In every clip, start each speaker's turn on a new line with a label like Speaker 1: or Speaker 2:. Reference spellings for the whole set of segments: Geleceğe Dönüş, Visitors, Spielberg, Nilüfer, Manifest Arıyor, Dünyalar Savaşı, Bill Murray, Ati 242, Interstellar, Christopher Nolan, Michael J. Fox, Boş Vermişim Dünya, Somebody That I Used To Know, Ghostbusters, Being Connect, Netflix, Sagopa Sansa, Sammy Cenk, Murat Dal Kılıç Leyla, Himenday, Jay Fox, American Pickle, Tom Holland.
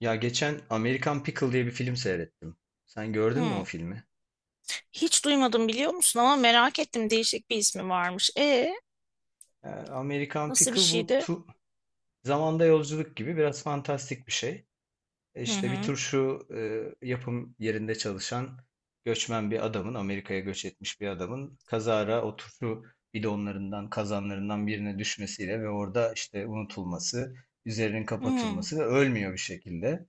Speaker 1: Ya geçen American Pickle diye bir film seyrettim. Sen gördün mü
Speaker 2: Hmm.
Speaker 1: o filmi?
Speaker 2: Hiç duymadım biliyor musun ama merak ettim değişik bir ismi varmış.
Speaker 1: American
Speaker 2: Nasıl bir
Speaker 1: Pickle bu
Speaker 2: şeydi?
Speaker 1: tu zamanda yolculuk gibi biraz fantastik bir şey. E
Speaker 2: Hı
Speaker 1: İşte bir
Speaker 2: hı.
Speaker 1: turşu yapım yerinde çalışan göçmen bir adamın, Amerika'ya göç etmiş bir adamın kazara o turşu bidonlarından, kazanlarından birine düşmesiyle ve orada işte unutulması, üzerinin
Speaker 2: Hmm.
Speaker 1: kapatılması ve ölmüyor bir şekilde.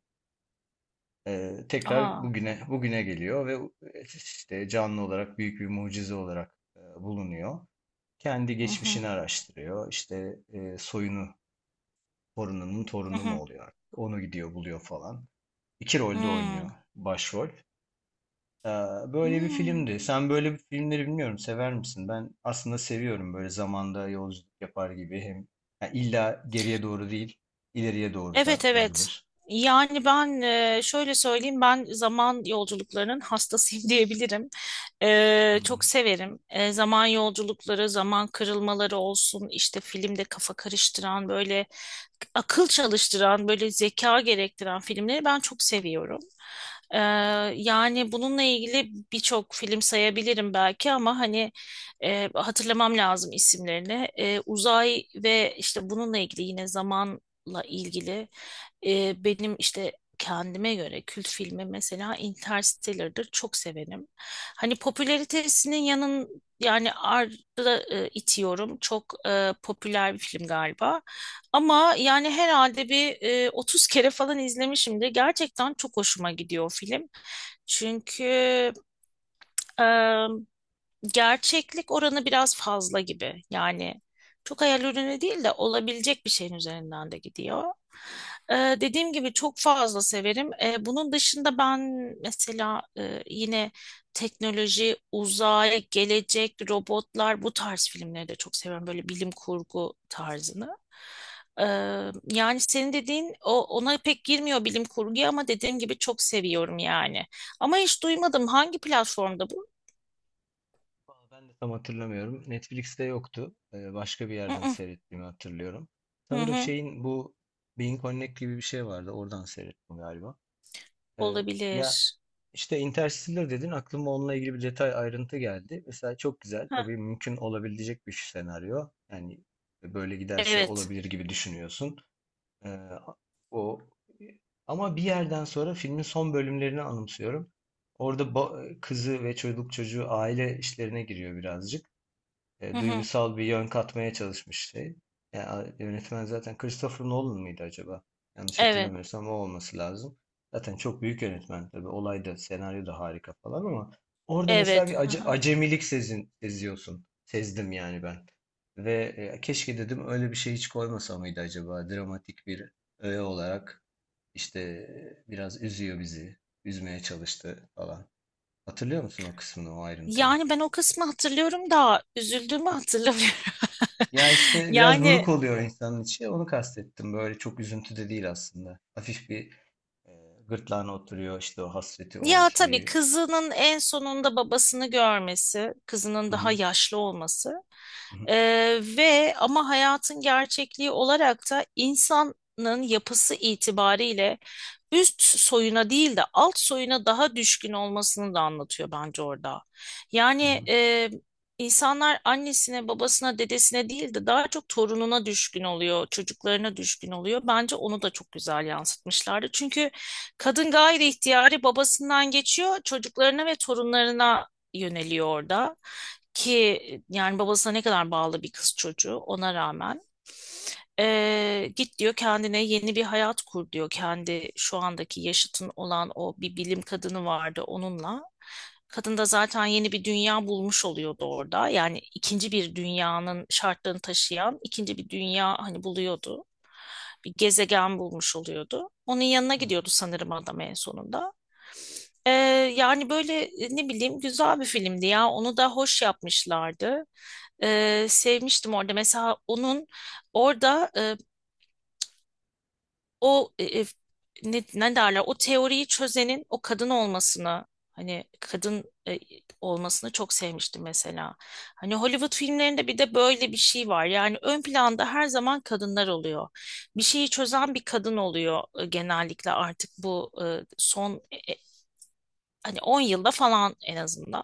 Speaker 1: Tekrar
Speaker 2: Aa.
Speaker 1: bugüne geliyor ve işte canlı olarak büyük bir mucize olarak bulunuyor. Kendi
Speaker 2: Hı hı.
Speaker 1: geçmişini araştırıyor. İşte soyunu, torununun
Speaker 2: Hı
Speaker 1: torunu mu
Speaker 2: hı.
Speaker 1: oluyor artık? Onu gidiyor buluyor falan. İki rolde
Speaker 2: Hmm.
Speaker 1: oynuyor başrol. Ee, böyle bir
Speaker 2: Hmm.
Speaker 1: filmdi. Sen böyle bir filmleri bilmiyorum sever misin? Ben aslında seviyorum böyle zamanda yolculuk yapar gibi hem yani illa geriye doğru değil, ileriye doğru da
Speaker 2: Evet evet.
Speaker 1: olabilir.
Speaker 2: Yani ben şöyle söyleyeyim, ben zaman yolculuklarının hastasıyım diyebilirim.
Speaker 1: Hmm.
Speaker 2: Çok severim. Zaman yolculukları, zaman kırılmaları olsun, işte filmde kafa karıştıran, böyle akıl çalıştıran, böyle zeka gerektiren filmleri ben çok seviyorum. Ee, Yani bununla ilgili birçok film sayabilirim belki ama hani hatırlamam lazım isimlerini. Uzay ve işte bununla ilgili, yine zamanla ilgili benim işte kendime göre kült filmi mesela Interstellar'dır. Çok severim. Hani popülaritesinin yanın yani ardı da, itiyorum. Çok popüler bir film galiba. Ama yani herhalde bir 30 kere falan izlemişimdir. Gerçekten çok hoşuma gidiyor o film. Çünkü e, gerçeklik oranı biraz fazla gibi. Yani çok hayal ürünü değil de, olabilecek bir şeyin üzerinden de gidiyor. Ee, Dediğim gibi çok fazla severim. Bunun dışında ben mesela yine teknoloji, uzay, gelecek, robotlar, bu tarz filmleri de çok seviyorum. Böyle bilim kurgu tarzını. Ee, Yani senin dediğin o ona pek girmiyor bilim kurguya ama dediğim gibi çok seviyorum yani. Ama hiç duymadım, hangi platformda bu?
Speaker 1: Vallahi ben de tam hatırlamıyorum. Netflix'te yoktu. Başka bir
Speaker 2: Hı
Speaker 1: yerden
Speaker 2: hı,
Speaker 1: seyrettiğimi hatırlıyorum.
Speaker 2: hı
Speaker 1: Sanırım
Speaker 2: hı,
Speaker 1: şeyin bu Being Connect gibi bir şey vardı. Oradan seyrettim galiba. Ee, ya
Speaker 2: olabilir.
Speaker 1: işte Interstellar dedin, aklıma onunla ilgili bir detay ayrıntı geldi. Mesela çok güzel.
Speaker 2: Heh,
Speaker 1: Tabii mümkün olabilecek bir senaryo. Yani böyle giderse
Speaker 2: evet.
Speaker 1: olabilir gibi düşünüyorsun. Ee, o ama bir yerden sonra filmin son bölümlerini anımsıyorum. Orada kızı ve çocuğu aile işlerine giriyor birazcık
Speaker 2: Hı hı,
Speaker 1: duygusal bir yön katmaya çalışmıştı. Ya, yönetmen zaten Christopher Nolan mıydı acaba? Yanlış
Speaker 2: evet.
Speaker 1: hatırlamıyorsam o olması lazım. Zaten çok büyük yönetmen tabii. Olay da, senaryo da harika falan ama orada mesela bir
Speaker 2: Evet. Hı hı.
Speaker 1: acemilik seziyorsun. Sezdim yani ben. Ve keşke dedim, öyle bir şey hiç koymasa mıydı acaba? Dramatik bir öğe olarak işte biraz üzüyor bizi. Üzmeye çalıştı falan. Hatırlıyor musun o kısmını, o ayrıntıyı?
Speaker 2: Yani ben o kısmı hatırlıyorum da üzüldüğümü hatırlamıyorum.
Speaker 1: Ya işte biraz buruk
Speaker 2: Yani,
Speaker 1: oluyor insanın içi. Onu kastettim. Böyle çok üzüntü de değil aslında. Hafif bir e, gırtlağına oturuyor işte o hasreti, o
Speaker 2: ya tabii,
Speaker 1: şeyi.
Speaker 2: kızının en sonunda babasını görmesi, kızının
Speaker 1: Hı
Speaker 2: daha
Speaker 1: hı,
Speaker 2: yaşlı olması.
Speaker 1: hı hı,
Speaker 2: Ve ama hayatın gerçekliği olarak da, insanın yapısı itibariyle üst soyuna değil de alt soyuna daha düşkün olmasını da anlatıyor bence orada.
Speaker 1: hı
Speaker 2: Yani
Speaker 1: hı.
Speaker 2: insanlar annesine, babasına, dedesine değil de daha çok torununa düşkün oluyor, çocuklarına düşkün oluyor. Bence onu da çok güzel yansıtmışlardı. Çünkü kadın gayri ihtiyari babasından geçiyor, çocuklarına ve torunlarına yöneliyor orada. Ki yani babasına ne kadar bağlı bir kız çocuğu ona rağmen. Git diyor, kendine yeni bir hayat kur diyor. Kendi şu andaki yaşıtın olan o bir bilim kadını vardı, onunla. Kadın da zaten yeni bir dünya bulmuş oluyordu orada. Yani ikinci bir dünyanın şartlarını taşıyan ikinci bir dünya hani buluyordu, bir gezegen bulmuş oluyordu. Onun yanına gidiyordu sanırım adam en sonunda. Ee, Yani böyle ne bileyim, güzel bir filmdi ya. Onu da hoş yapmışlardı. Sevmiştim orada. Mesela onun orada o ne derler, o teoriyi çözenin o kadın olmasını, hani kadın olmasını çok sevmiştim mesela. Hani Hollywood filmlerinde bir de böyle bir şey var. Yani ön planda her zaman kadınlar oluyor. Bir şeyi çözen bir kadın oluyor genellikle artık bu son hani 10 yılda falan en azından.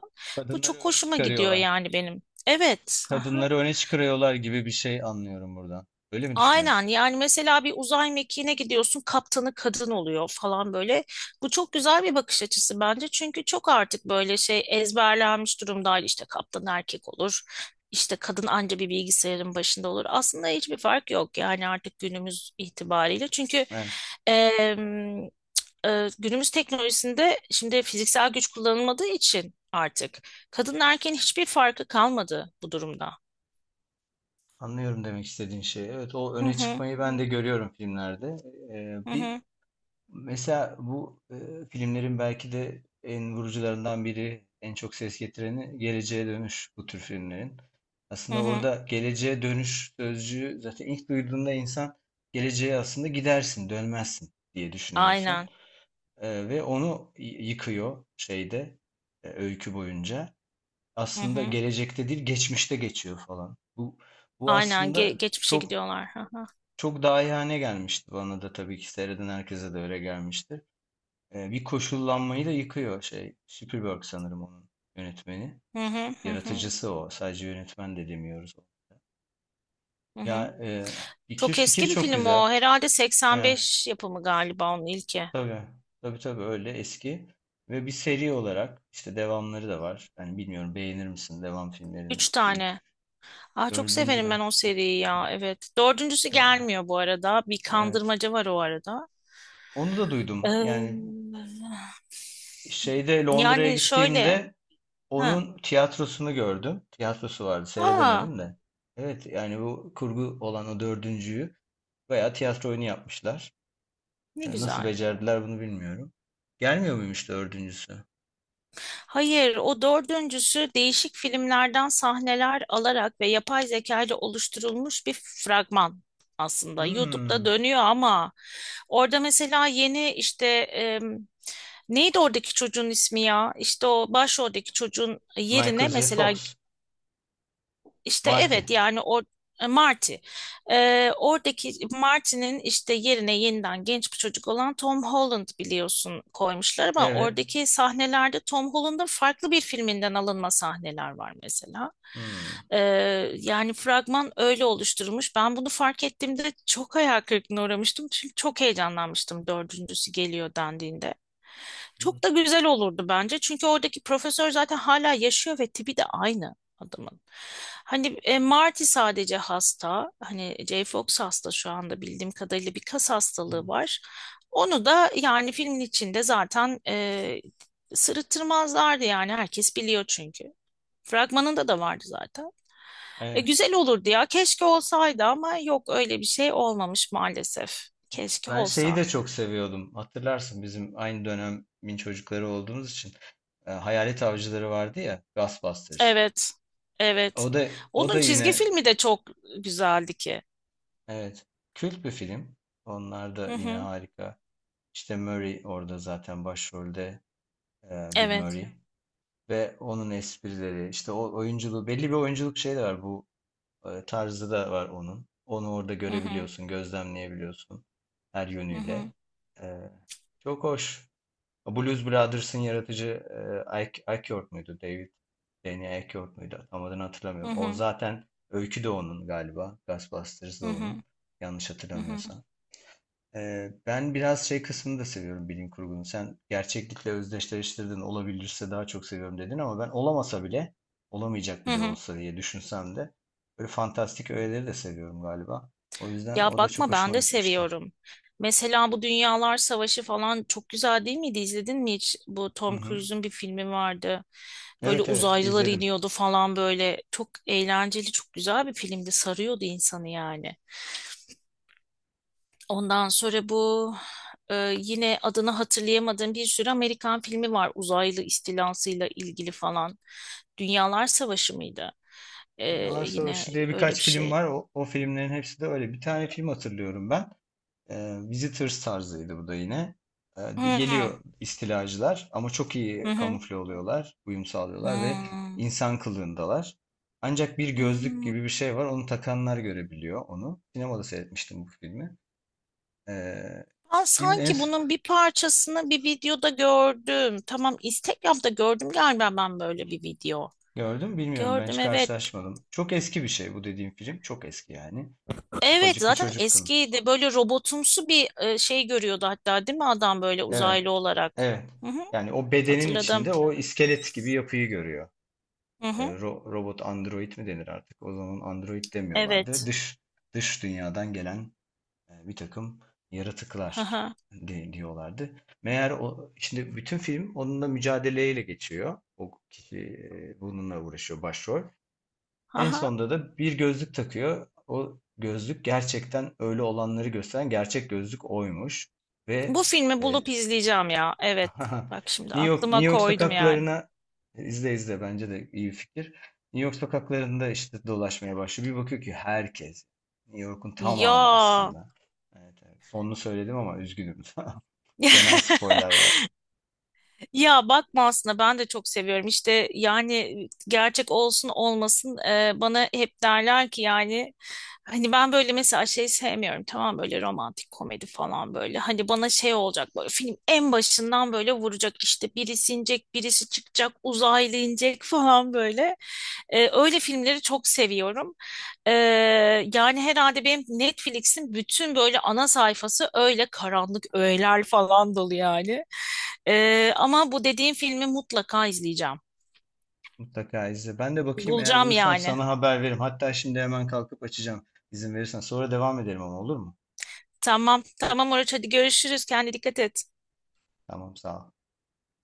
Speaker 2: Bu
Speaker 1: Kadınları
Speaker 2: çok
Speaker 1: öne
Speaker 2: hoşuma gidiyor
Speaker 1: çıkarıyorlar.
Speaker 2: yani benim. Evet.
Speaker 1: Kadınları öne çıkarıyorlar gibi bir şey anlıyorum buradan. Öyle mi
Speaker 2: Aynen,
Speaker 1: düşünüyorsun?
Speaker 2: yani mesela bir uzay mekiğine gidiyorsun, kaptanı kadın oluyor falan böyle. Bu çok güzel bir bakış açısı bence. Çünkü çok artık böyle şey ezberlenmiş durumda, işte kaptan erkek olur, işte kadın anca bir bilgisayarın başında olur. Aslında hiçbir fark yok yani artık günümüz itibariyle. Çünkü
Speaker 1: Evet.
Speaker 2: em, günümüz teknolojisinde şimdi fiziksel güç kullanılmadığı için artık kadın erkeğin hiçbir farkı kalmadı bu durumda.
Speaker 1: Anlıyorum demek istediğin şeyi. Evet, o
Speaker 2: Hı
Speaker 1: öne
Speaker 2: hı,
Speaker 1: çıkmayı ben de görüyorum filmlerde.
Speaker 2: hı
Speaker 1: Bir
Speaker 2: hı,
Speaker 1: Mesela bu filmlerin belki de en vurucularından biri, en çok ses getireni Geleceğe Dönüş bu tür filmlerin.
Speaker 2: hı
Speaker 1: Aslında
Speaker 2: hı.
Speaker 1: orada geleceğe dönüş sözcüğü zaten ilk duyduğunda insan geleceğe aslında gidersin, dönmezsin diye düşünüyorsun.
Speaker 2: Aynen.
Speaker 1: Ve onu yıkıyor şeyde öykü boyunca.
Speaker 2: Hı
Speaker 1: Aslında
Speaker 2: hı.
Speaker 1: gelecekte değil, geçmişte geçiyor falan. Bu
Speaker 2: Aynen
Speaker 1: aslında
Speaker 2: geçmişe
Speaker 1: çok
Speaker 2: gidiyorlar. Hı hı.
Speaker 1: çok dahiyane gelmişti bana da, tabii ki seyreden herkese de öyle gelmiştir. Bir koşullanmayı da yıkıyor şey. Spielberg sanırım onun yönetmeni.
Speaker 2: Hı hı, hı hı.
Speaker 1: Yaratıcısı o. Sadece yönetmen de demiyoruz.
Speaker 2: Hı
Speaker 1: Ya
Speaker 2: hı.
Speaker 1: fikir
Speaker 2: Çok
Speaker 1: fikir
Speaker 2: eski bir
Speaker 1: çok
Speaker 2: film
Speaker 1: güzel.
Speaker 2: o. Herhalde
Speaker 1: He,
Speaker 2: 85 yapımı galiba onun ilki.
Speaker 1: tabii. Tabii tabii öyle eski. Ve bir seri olarak işte devamları da var. Yani bilmiyorum beğenir misin devam filmlerini
Speaker 2: Üç
Speaker 1: 2 3
Speaker 2: tane. Aa, çok
Speaker 1: dördüncü
Speaker 2: severim
Speaker 1: de.
Speaker 2: ben o seriyi ya. Evet. Dördüncüsü
Speaker 1: E,
Speaker 2: gelmiyor bu arada. Bir
Speaker 1: evet.
Speaker 2: kandırmaca var o arada.
Speaker 1: Onu da duydum. Yani şeyde Londra'ya
Speaker 2: Yani şöyle.
Speaker 1: gittiğimde
Speaker 2: Ha.
Speaker 1: onun tiyatrosunu gördüm. Tiyatrosu vardı,
Speaker 2: Aa,
Speaker 1: seyredemedim de. Evet, yani bu kurgu olan o dördüncüyü bayağı tiyatro oyunu yapmışlar.
Speaker 2: ne
Speaker 1: E, Nasıl
Speaker 2: güzel.
Speaker 1: becerdiler bunu bilmiyorum. Gelmiyor muymuş dördüncüsü?
Speaker 2: Hayır, o dördüncüsü değişik filmlerden sahneler alarak ve yapay zeka ile oluşturulmuş bir fragman aslında. YouTube'da
Speaker 1: Hmm.
Speaker 2: dönüyor ama orada mesela yeni işte neydi oradaki çocuğun ismi ya? İşte o başroldeki çocuğun yerine
Speaker 1: Michael J.
Speaker 2: mesela,
Speaker 1: Fox.
Speaker 2: işte
Speaker 1: Marty.
Speaker 2: evet, yani o Marty. Oradaki Marty'nin işte yerine yeniden genç bir çocuk olan Tom Holland, biliyorsun, koymuşlar ama
Speaker 1: Evet.
Speaker 2: oradaki sahnelerde Tom Holland'ın farklı bir filminden alınma sahneler var mesela.
Speaker 1: Hmm.
Speaker 2: Ee, Yani fragman öyle oluşturulmuş. Ben bunu fark ettiğimde çok hayal kırıklığına uğramıştım. Çünkü çok heyecanlanmıştım dördüncüsü geliyor dendiğinde.
Speaker 1: Hmm.
Speaker 2: Çok da güzel olurdu bence. Çünkü oradaki profesör zaten hala yaşıyor ve tipi de aynı adamın. Hani Marty sadece hasta. Hani Jay Fox hasta şu anda, bildiğim kadarıyla bir kas
Speaker 1: Hmm.
Speaker 2: hastalığı var. Onu da yani filmin içinde zaten sırıttırmazlardı yani, herkes biliyor çünkü. Fragmanında da vardı zaten.
Speaker 1: Evet.
Speaker 2: Güzel olurdu ya. Keşke olsaydı ama yok, öyle bir şey olmamış maalesef. Keşke
Speaker 1: Ben şeyi
Speaker 2: olsa.
Speaker 1: de çok seviyordum. Hatırlarsın, bizim aynı dönemin çocukları olduğumuz için Hayalet Avcıları vardı ya, Ghostbusters.
Speaker 2: Evet.
Speaker 1: O
Speaker 2: Evet.
Speaker 1: da o da
Speaker 2: Onun
Speaker 1: yine
Speaker 2: çizgi filmi de çok güzeldi ki.
Speaker 1: evet. Kült bir film. Onlar da
Speaker 2: Hı
Speaker 1: yine
Speaker 2: hı.
Speaker 1: harika. İşte Murray orada zaten başrolde, Bill
Speaker 2: Evet.
Speaker 1: Murray, ve onun esprileri, işte o oyunculuğu, belli bir oyunculuk şeyi de var, bu tarzı da var onun. Onu orada
Speaker 2: Hı hı.
Speaker 1: görebiliyorsun, gözlemleyebiliyorsun her
Speaker 2: Hı hı.
Speaker 1: yönüyle. E, çok hoş. Blues Brothers'ın yaratıcı Ike York muydu? Danny Ike York muydu? Tam adını
Speaker 2: Hı
Speaker 1: hatırlamıyorum. O
Speaker 2: hı,
Speaker 1: zaten öykü de onun galiba. Ghostbusters
Speaker 2: hı
Speaker 1: da
Speaker 2: hı,
Speaker 1: onun. Yanlış
Speaker 2: hı hı,
Speaker 1: hatırlamıyorsam. Ben biraz şey kısmını da seviyorum bilim kurgunun. Sen gerçeklikle özdeşleştirdin, olabilirse daha çok seviyorum dedin, ama ben olamasa bile, olamayacak
Speaker 2: hı
Speaker 1: bile
Speaker 2: hı.
Speaker 1: olsa diye düşünsem de böyle fantastik öğeleri de seviyorum galiba. O yüzden
Speaker 2: Ya
Speaker 1: o da çok
Speaker 2: bakma, ben
Speaker 1: hoşuma
Speaker 2: de
Speaker 1: gitmişti.
Speaker 2: seviyorum. Mesela bu Dünyalar Savaşı falan çok güzel değil miydi? İzledin mi hiç? Bu
Speaker 1: Hı
Speaker 2: Tom
Speaker 1: hı.
Speaker 2: Cruise'un bir filmi vardı. Böyle
Speaker 1: Evet evet,
Speaker 2: uzaylılar
Speaker 1: izledim.
Speaker 2: iniyordu falan böyle. Çok eğlenceli, çok güzel bir filmdi. Sarıyordu insanı yani. Ondan sonra bu yine adını hatırlayamadığım bir sürü Amerikan filmi var. Uzaylı istilasıyla ilgili falan. Dünyalar Savaşı mıydı? E,
Speaker 1: Dünyalar
Speaker 2: Yine
Speaker 1: Savaşı diye
Speaker 2: öyle bir
Speaker 1: birkaç film
Speaker 2: şey.
Speaker 1: var. O filmlerin hepsi de öyle. Bir tane film hatırlıyorum ben. Visitors tarzıydı bu da yine.
Speaker 2: Hı.
Speaker 1: Geliyor istilacılar ama çok
Speaker 2: Hı
Speaker 1: iyi
Speaker 2: hı.
Speaker 1: kamufle oluyorlar, uyum sağlıyorlar ve
Speaker 2: Hmm.
Speaker 1: insan kılığındalar. Ancak bir gözlük
Speaker 2: Hmm.
Speaker 1: gibi bir şey var. Onu takanlar görebiliyor onu. Sinemada seyretmiştim bu filmi. Ee,
Speaker 2: Ben
Speaker 1: filmin en
Speaker 2: sanki
Speaker 1: s-
Speaker 2: bunun bir parçasını bir videoda gördüm. Tamam, Instagram'da gördüm galiba ben böyle bir video.
Speaker 1: gördüm, bilmiyorum, ben
Speaker 2: Gördüm,
Speaker 1: hiç
Speaker 2: evet.
Speaker 1: karşılaşmadım. Çok eski bir şey bu dediğim film. Çok eski yani.
Speaker 2: Evet,
Speaker 1: Ufacık bir
Speaker 2: zaten
Speaker 1: çocuktum.
Speaker 2: eskiydi. Böyle robotumsu bir şey görüyordu hatta, değil mi adam, böyle
Speaker 1: Evet.
Speaker 2: uzaylı olarak.
Speaker 1: Evet.
Speaker 2: Hı hı.
Speaker 1: Yani o bedenin
Speaker 2: Hatırladım.
Speaker 1: içinde o iskelet gibi yapıyı görüyor.
Speaker 2: Hı hı.
Speaker 1: Robot android mi denir artık? O zaman android demiyorlardı.
Speaker 2: Evet.
Speaker 1: Dış dünyadan gelen bir takım
Speaker 2: Hı
Speaker 1: yaratıklar
Speaker 2: hı.
Speaker 1: diyorlardı. Meğer o şimdi bütün film onunla mücadeleyle geçiyor. O kişi bununla uğraşıyor başrol.
Speaker 2: Hı
Speaker 1: En
Speaker 2: hı.
Speaker 1: sonunda da bir gözlük takıyor. O gözlük gerçekten öyle olanları gösteren gerçek gözlük oymuş ve
Speaker 2: Bu filmi bulup
Speaker 1: e,
Speaker 2: izleyeceğim ya. Evet. Bak şimdi
Speaker 1: New
Speaker 2: aklıma
Speaker 1: York
Speaker 2: koydum yani.
Speaker 1: sokaklarına izle, bence de iyi bir fikir. New York sokaklarında işte dolaşmaya başlıyor. Bir bakıyor ki herkes. New York'un tamamı
Speaker 2: Ya.
Speaker 1: aslında. Evet, evet. Sonunu söyledim ama üzgünüm. Fena spoiler verdim.
Speaker 2: Ya bakma, aslında ben de çok seviyorum. İşte yani gerçek olsun olmasın, bana hep derler ki yani, hani ben böyle mesela şey sevmiyorum, tamam, böyle romantik komedi falan böyle. Hani bana şey olacak, böyle film en başından böyle vuracak, işte birisi inecek, birisi çıkacak, uzaylı inecek falan böyle. Öyle filmleri çok seviyorum. Ee, Yani herhalde benim Netflix'in bütün böyle ana sayfası öyle karanlık öğeler falan dolu yani. Ama bu dediğim filmi mutlaka izleyeceğim.
Speaker 1: Mutlaka izle. Ben de bakayım, eğer
Speaker 2: Bulacağım
Speaker 1: bulursam
Speaker 2: yani.
Speaker 1: sana haber veririm. Hatta şimdi hemen kalkıp açacağım. İzin verirsen. Sonra devam edelim ama, olur mu?
Speaker 2: Tamam, tamam Oruç, hadi görüşürüz. Kendine dikkat et.
Speaker 1: Tamam, sağ ol.